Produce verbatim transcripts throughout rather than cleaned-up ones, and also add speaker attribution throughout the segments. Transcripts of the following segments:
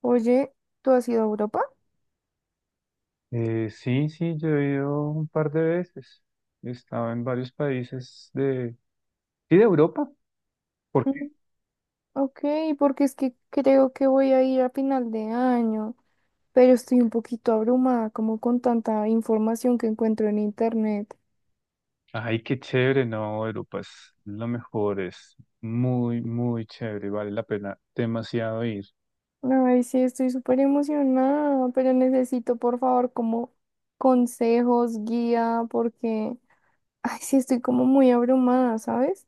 Speaker 1: Oye, ¿tú has ido a Europa?
Speaker 2: Eh, sí, sí, yo he ido un par de veces. He estado en varios países de... Sí, de Europa. ¿Por
Speaker 1: Mm.
Speaker 2: qué?
Speaker 1: Ok. Porque es que creo que voy a ir a final de año, pero estoy un poquito abrumada como con tanta información que encuentro en internet.
Speaker 2: Ay, qué chévere, no, Europa es lo mejor, es muy, muy chévere, vale la pena demasiado ir.
Speaker 1: Ay, sí, estoy súper emocionada, pero necesito por favor como consejos, guía, porque, ay, sí, estoy como muy abrumada, ¿sabes?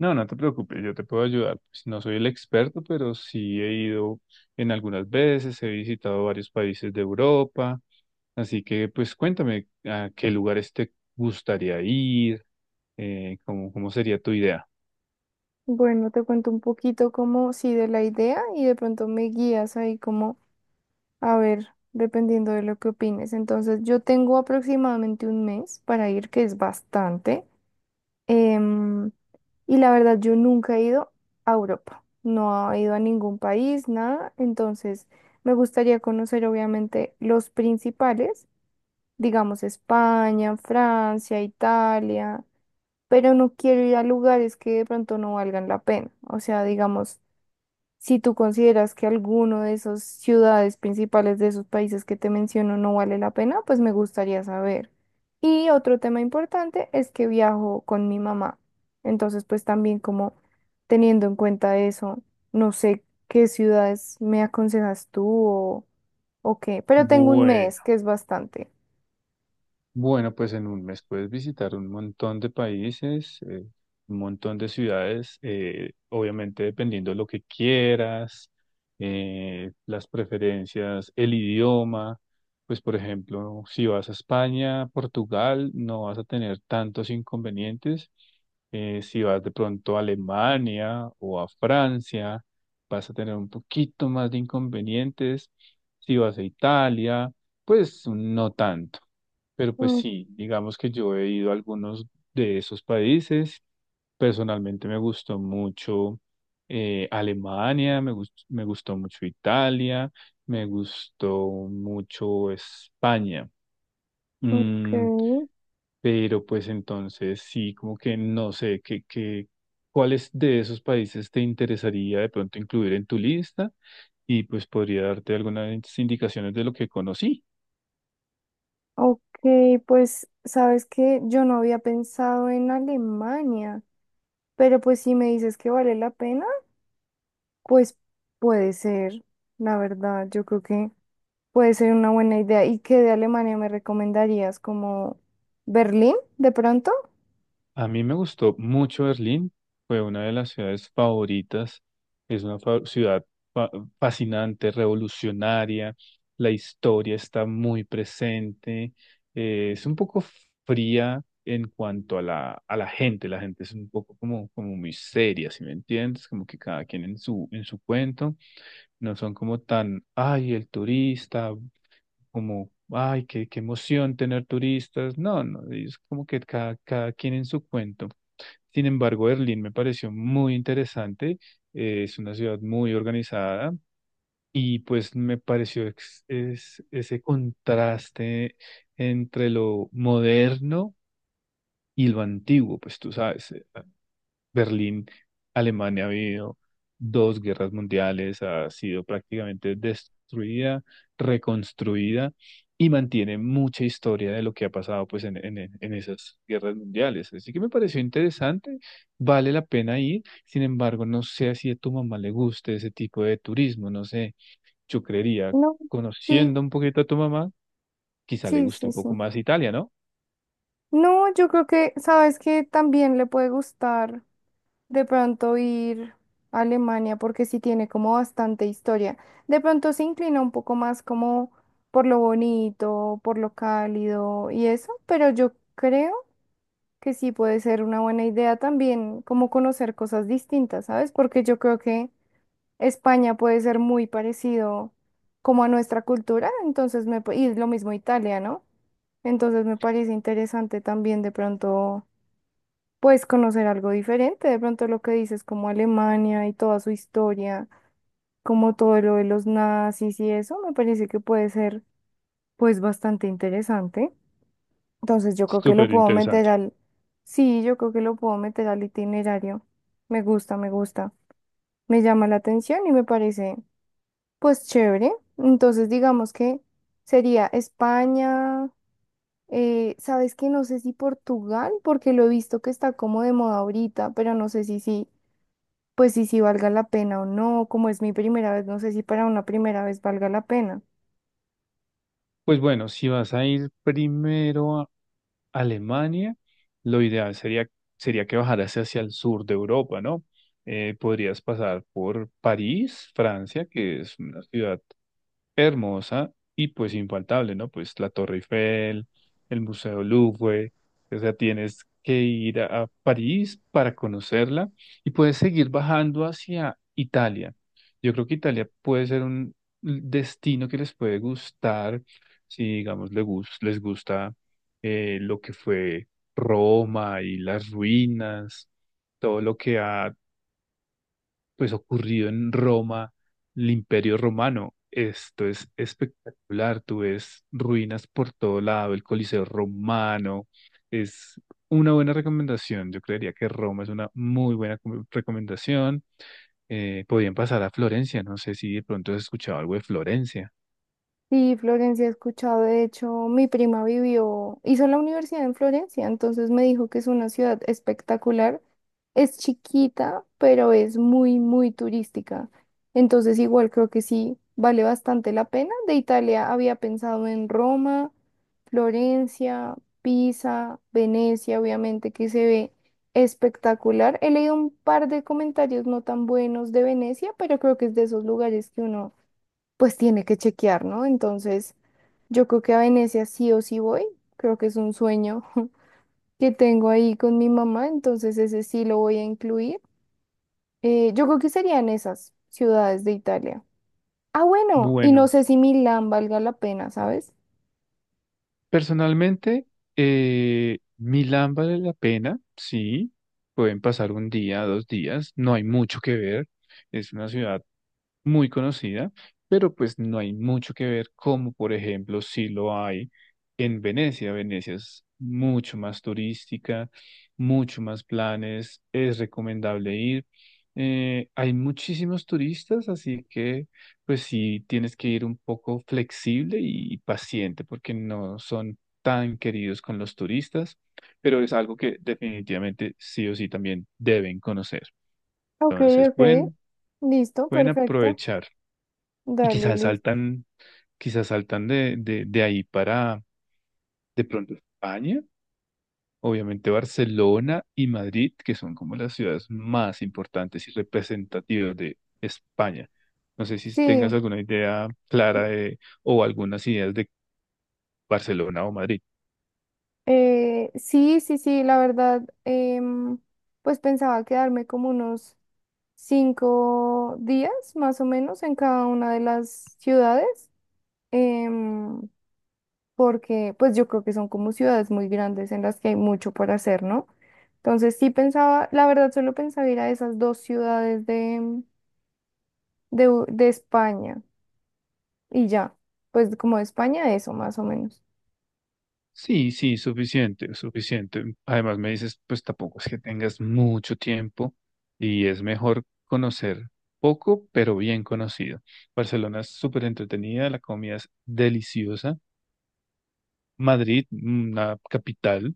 Speaker 2: No, no te preocupes, yo te puedo ayudar. Pues no soy el experto, pero sí he ido en algunas veces, he visitado varios países de Europa. Así que, pues cuéntame a qué lugares te gustaría ir, eh, cómo, cómo sería tu idea.
Speaker 1: Bueno, te cuento un poquito como, sí, de la idea y de pronto me guías ahí como... A ver, dependiendo de lo que opines. Entonces, yo tengo aproximadamente un mes para ir, que es bastante. Em, y la verdad, yo nunca he ido a Europa. No he ido a ningún país, nada. Entonces, me gustaría conocer, obviamente, los principales, digamos, España, Francia, Italia. Pero no quiero ir a lugares que de pronto no valgan la pena. O sea, digamos. Si tú consideras que alguno de esas ciudades principales de esos países que te menciono no vale la pena, pues me gustaría saber. Y otro tema importante es que viajo con mi mamá. Entonces, pues también como teniendo en cuenta eso, no sé qué ciudades me aconsejas tú o, o qué, pero tengo un
Speaker 2: Bueno.
Speaker 1: mes, que es bastante.
Speaker 2: Bueno, pues en un mes puedes visitar un montón de países, eh, un montón de ciudades, eh, obviamente dependiendo de lo que quieras, eh, las preferencias, el idioma. Pues por ejemplo, si vas a España, Portugal, no vas a tener tantos inconvenientes. Eh, si vas de pronto a Alemania o a Francia, vas a tener un poquito más de inconvenientes. Si vas a Italia, pues no tanto. Pero pues
Speaker 1: Mm.
Speaker 2: sí, digamos que yo he ido a algunos de esos países. Personalmente me gustó mucho eh, Alemania, me gust me gustó mucho Italia, me gustó mucho España.
Speaker 1: Ok.
Speaker 2: Mm, pero pues entonces sí, como que no sé, qué qué- ¿cuáles de esos países te interesaría de pronto incluir en tu lista? Y pues podría darte algunas indicaciones de lo que conocí.
Speaker 1: Ok, pues sabes que yo no había pensado en Alemania, pero pues si me dices que vale la pena. Pues puede ser, la verdad, yo creo que puede ser una buena idea. ¿Y qué de Alemania me recomendarías? ¿Como Berlín, de pronto?
Speaker 2: A mí me gustó mucho Berlín, fue una de las ciudades favoritas, es una fa- ciudad fa- fascinante, revolucionaria, la historia está muy presente, eh, es un poco fría en cuanto a la, a la gente, la gente es un poco como, como muy seria, ¿si me entiendes? Como que cada quien en su, en su cuento, no son como tan, ay, el turista, como, ay, qué, qué emoción tener turistas. No, no, es como que cada, cada quien en su cuento. Sin embargo, Berlín me pareció muy interesante. Eh, es una ciudad muy organizada y pues me pareció ex- es, ese contraste entre lo moderno y lo antiguo, pues tú sabes. Berlín, Alemania ha habido dos guerras mundiales, ha sido prácticamente destruida, reconstruida y mantiene mucha historia de lo que ha pasado pues en, en, en esas guerras mundiales. Así que me pareció interesante, vale la pena ir, sin embargo, no sé si a tu mamá le guste ese tipo de turismo, no sé, yo creería,
Speaker 1: No, sí,
Speaker 2: conociendo un poquito a tu mamá, quizá le
Speaker 1: sí,
Speaker 2: guste
Speaker 1: sí,
Speaker 2: un
Speaker 1: sí.
Speaker 2: poco más Italia, ¿no?
Speaker 1: No, yo creo que, sabes que también le puede gustar de pronto ir a Alemania porque sí tiene como bastante historia. De pronto se inclina un poco más como por lo bonito, por lo cálido y eso, pero yo creo que sí puede ser una buena idea también, como conocer cosas distintas, ¿sabes? Porque yo creo que España puede ser muy parecido como a nuestra cultura, entonces me, pa- y lo mismo Italia, ¿no? Entonces me parece interesante también de pronto, pues conocer algo diferente, de pronto lo que dices como Alemania y toda su historia, como todo lo de los nazis y eso, me parece que puede ser pues bastante interesante. Entonces yo creo que lo
Speaker 2: Súper
Speaker 1: puedo meter
Speaker 2: interesante.
Speaker 1: al... Sí, yo creo que lo puedo meter al itinerario. Me gusta, me gusta. Me llama la atención y me parece, pues, chévere. Entonces digamos que sería España, eh, ¿sabes qué? No sé si Portugal, porque lo he visto que está como de moda ahorita, pero no sé si sí, pues si sí valga la pena o no. Como es mi primera vez, no sé si para una primera vez valga la pena.
Speaker 2: Pues bueno, si vas a ir primero Alemania, lo ideal sería, sería que bajaras hacia el sur de Europa, ¿no? Eh, podrías pasar por París, Francia, que es una ciudad hermosa y pues infaltable, ¿no? Pues la Torre Eiffel, el Museo Louvre, o sea, tienes que ir a, a París para conocerla y puedes seguir bajando hacia Italia. Yo creo que Italia puede ser un destino que les puede gustar, si digamos le gus- les gusta eh, lo que fue Roma y las ruinas, todo lo que ha pues ocurrido en Roma, el Imperio Romano. Esto es espectacular, tú ves ruinas por todo lado, el Coliseo Romano, es una buena recomendación, yo creería que Roma es una muy buena com- recomendación. Eh, podrían pasar a Florencia, no sé si de pronto has escuchado algo de Florencia.
Speaker 1: Sí, Florencia, he escuchado. De hecho, mi prima vivió, hizo la universidad en Florencia, entonces me dijo que es una ciudad espectacular. Es chiquita, pero es muy, muy turística. Entonces, igual creo que sí, vale bastante la pena. De Italia había pensado en Roma, Florencia, Pisa, Venecia, obviamente que se ve espectacular. He leído un par de comentarios no tan buenos de Venecia, pero creo que es de esos lugares que uno pues tiene que chequear, ¿no? Entonces, yo creo que a Venecia sí o sí voy, creo que es un sueño que tengo ahí con mi mamá, entonces ese sí lo voy a incluir. Eh, yo creo que serían esas ciudades de Italia. Ah, bueno, y no
Speaker 2: Bueno,
Speaker 1: sé si Milán valga la pena, ¿sabes?
Speaker 2: personalmente, eh, Milán vale la pena, sí, pueden pasar un día, dos días, no hay mucho que ver, es una ciudad muy conocida, pero pues no hay mucho que ver como, por ejemplo, si lo hay en Venecia. Venecia es mucho más turística, mucho más planes, es recomendable ir. Eh, hay muchísimos turistas, así que pues sí tienes que ir un poco flexible y paciente porque no son tan queridos con los turistas, pero es algo que definitivamente sí o sí también deben conocer.
Speaker 1: Ok,
Speaker 2: Entonces
Speaker 1: ok,
Speaker 2: pueden,
Speaker 1: listo,
Speaker 2: pueden
Speaker 1: perfecto.
Speaker 2: aprovechar. Y
Speaker 1: Dale,
Speaker 2: quizás
Speaker 1: listo.
Speaker 2: saltan, quizás saltan de, de, de ahí para de pronto España, obviamente Barcelona y Madrid, que son como las ciudades más importantes y representativas de España. No sé si tengas
Speaker 1: Sí,
Speaker 2: alguna idea clara de, o algunas ideas de Barcelona o Madrid.
Speaker 1: eh, sí, sí, sí, la verdad, em, pues pensaba quedarme como unos cinco días más o menos en cada una de las ciudades, em, porque pues yo creo que son como ciudades muy grandes en las que hay mucho por hacer, ¿no? Entonces sí pensaba, la verdad solo pensaba ir a esas dos ciudades de, em, de, U- de España y ya, pues como de España eso más o menos.
Speaker 2: Sí, sí, suficiente, suficiente. Además, me dices, pues tampoco es que tengas mucho tiempo y es mejor conocer poco, pero bien conocido. Barcelona es súper entretenida, la comida es deliciosa. Madrid, una capital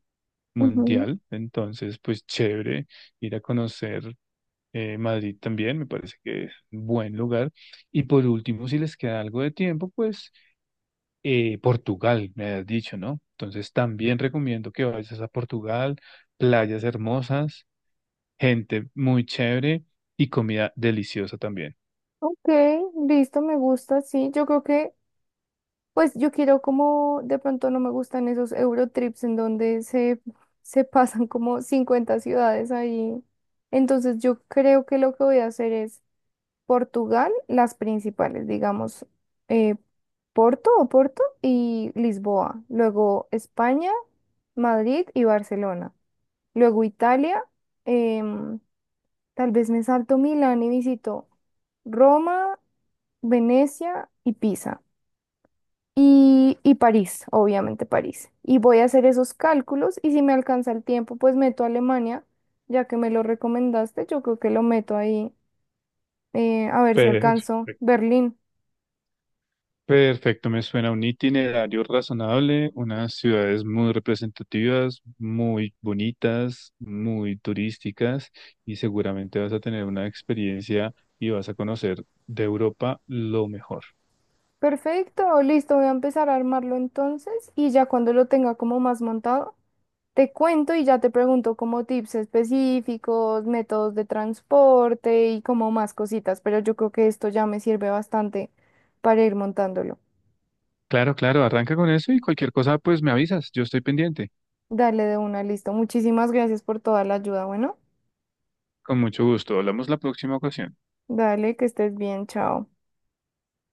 Speaker 1: Ujú.
Speaker 2: mundial, entonces, pues chévere ir a conocer eh, Madrid también, me parece que es un buen lugar. Y por último, si les queda algo de tiempo, pues eh, Portugal, me has dicho, ¿no? Entonces también recomiendo que vayas a Portugal, playas hermosas, gente muy chévere y comida deliciosa también.
Speaker 1: Ok, listo, me gusta, sí, yo creo que pues yo quiero como, de pronto no me gustan esos Eurotrips en donde se, se pasan como cincuenta ciudades ahí. Entonces yo creo que lo que voy a hacer es Portugal, las principales, digamos, eh, Porto o Porto y Lisboa. Luego España, Madrid y Barcelona. Luego Italia, em, tal vez me salto Milán y visito Roma, Venecia y Pisa y, y París, obviamente París. Y voy a hacer esos cálculos y si me alcanza el tiempo, pues meto a Alemania, ya que me lo recomendaste, yo creo que lo meto ahí, eh, a ver si
Speaker 2: Perfecto.
Speaker 1: alcanzo Berlín.
Speaker 2: Perfecto, me suena un itinerario razonable, unas ciudades muy representativas, muy bonitas, muy turísticas y seguramente vas a tener una experiencia y vas a conocer de Europa lo mejor.
Speaker 1: Perfecto, listo, voy a empezar a armarlo entonces y ya cuando lo tenga como más montado, te cuento y ya te pregunto como tips específicos, métodos de transporte y como más cositas, pero yo creo que esto ya me sirve bastante para ir montándolo.
Speaker 2: Claro, claro, arranca con eso y cualquier cosa pues me avisas, yo estoy pendiente.
Speaker 1: Dale de una, listo. Muchísimas gracias por toda la ayuda. Bueno,
Speaker 2: Con mucho gusto. Hablamos la próxima ocasión.
Speaker 1: dale, que estés bien, chao.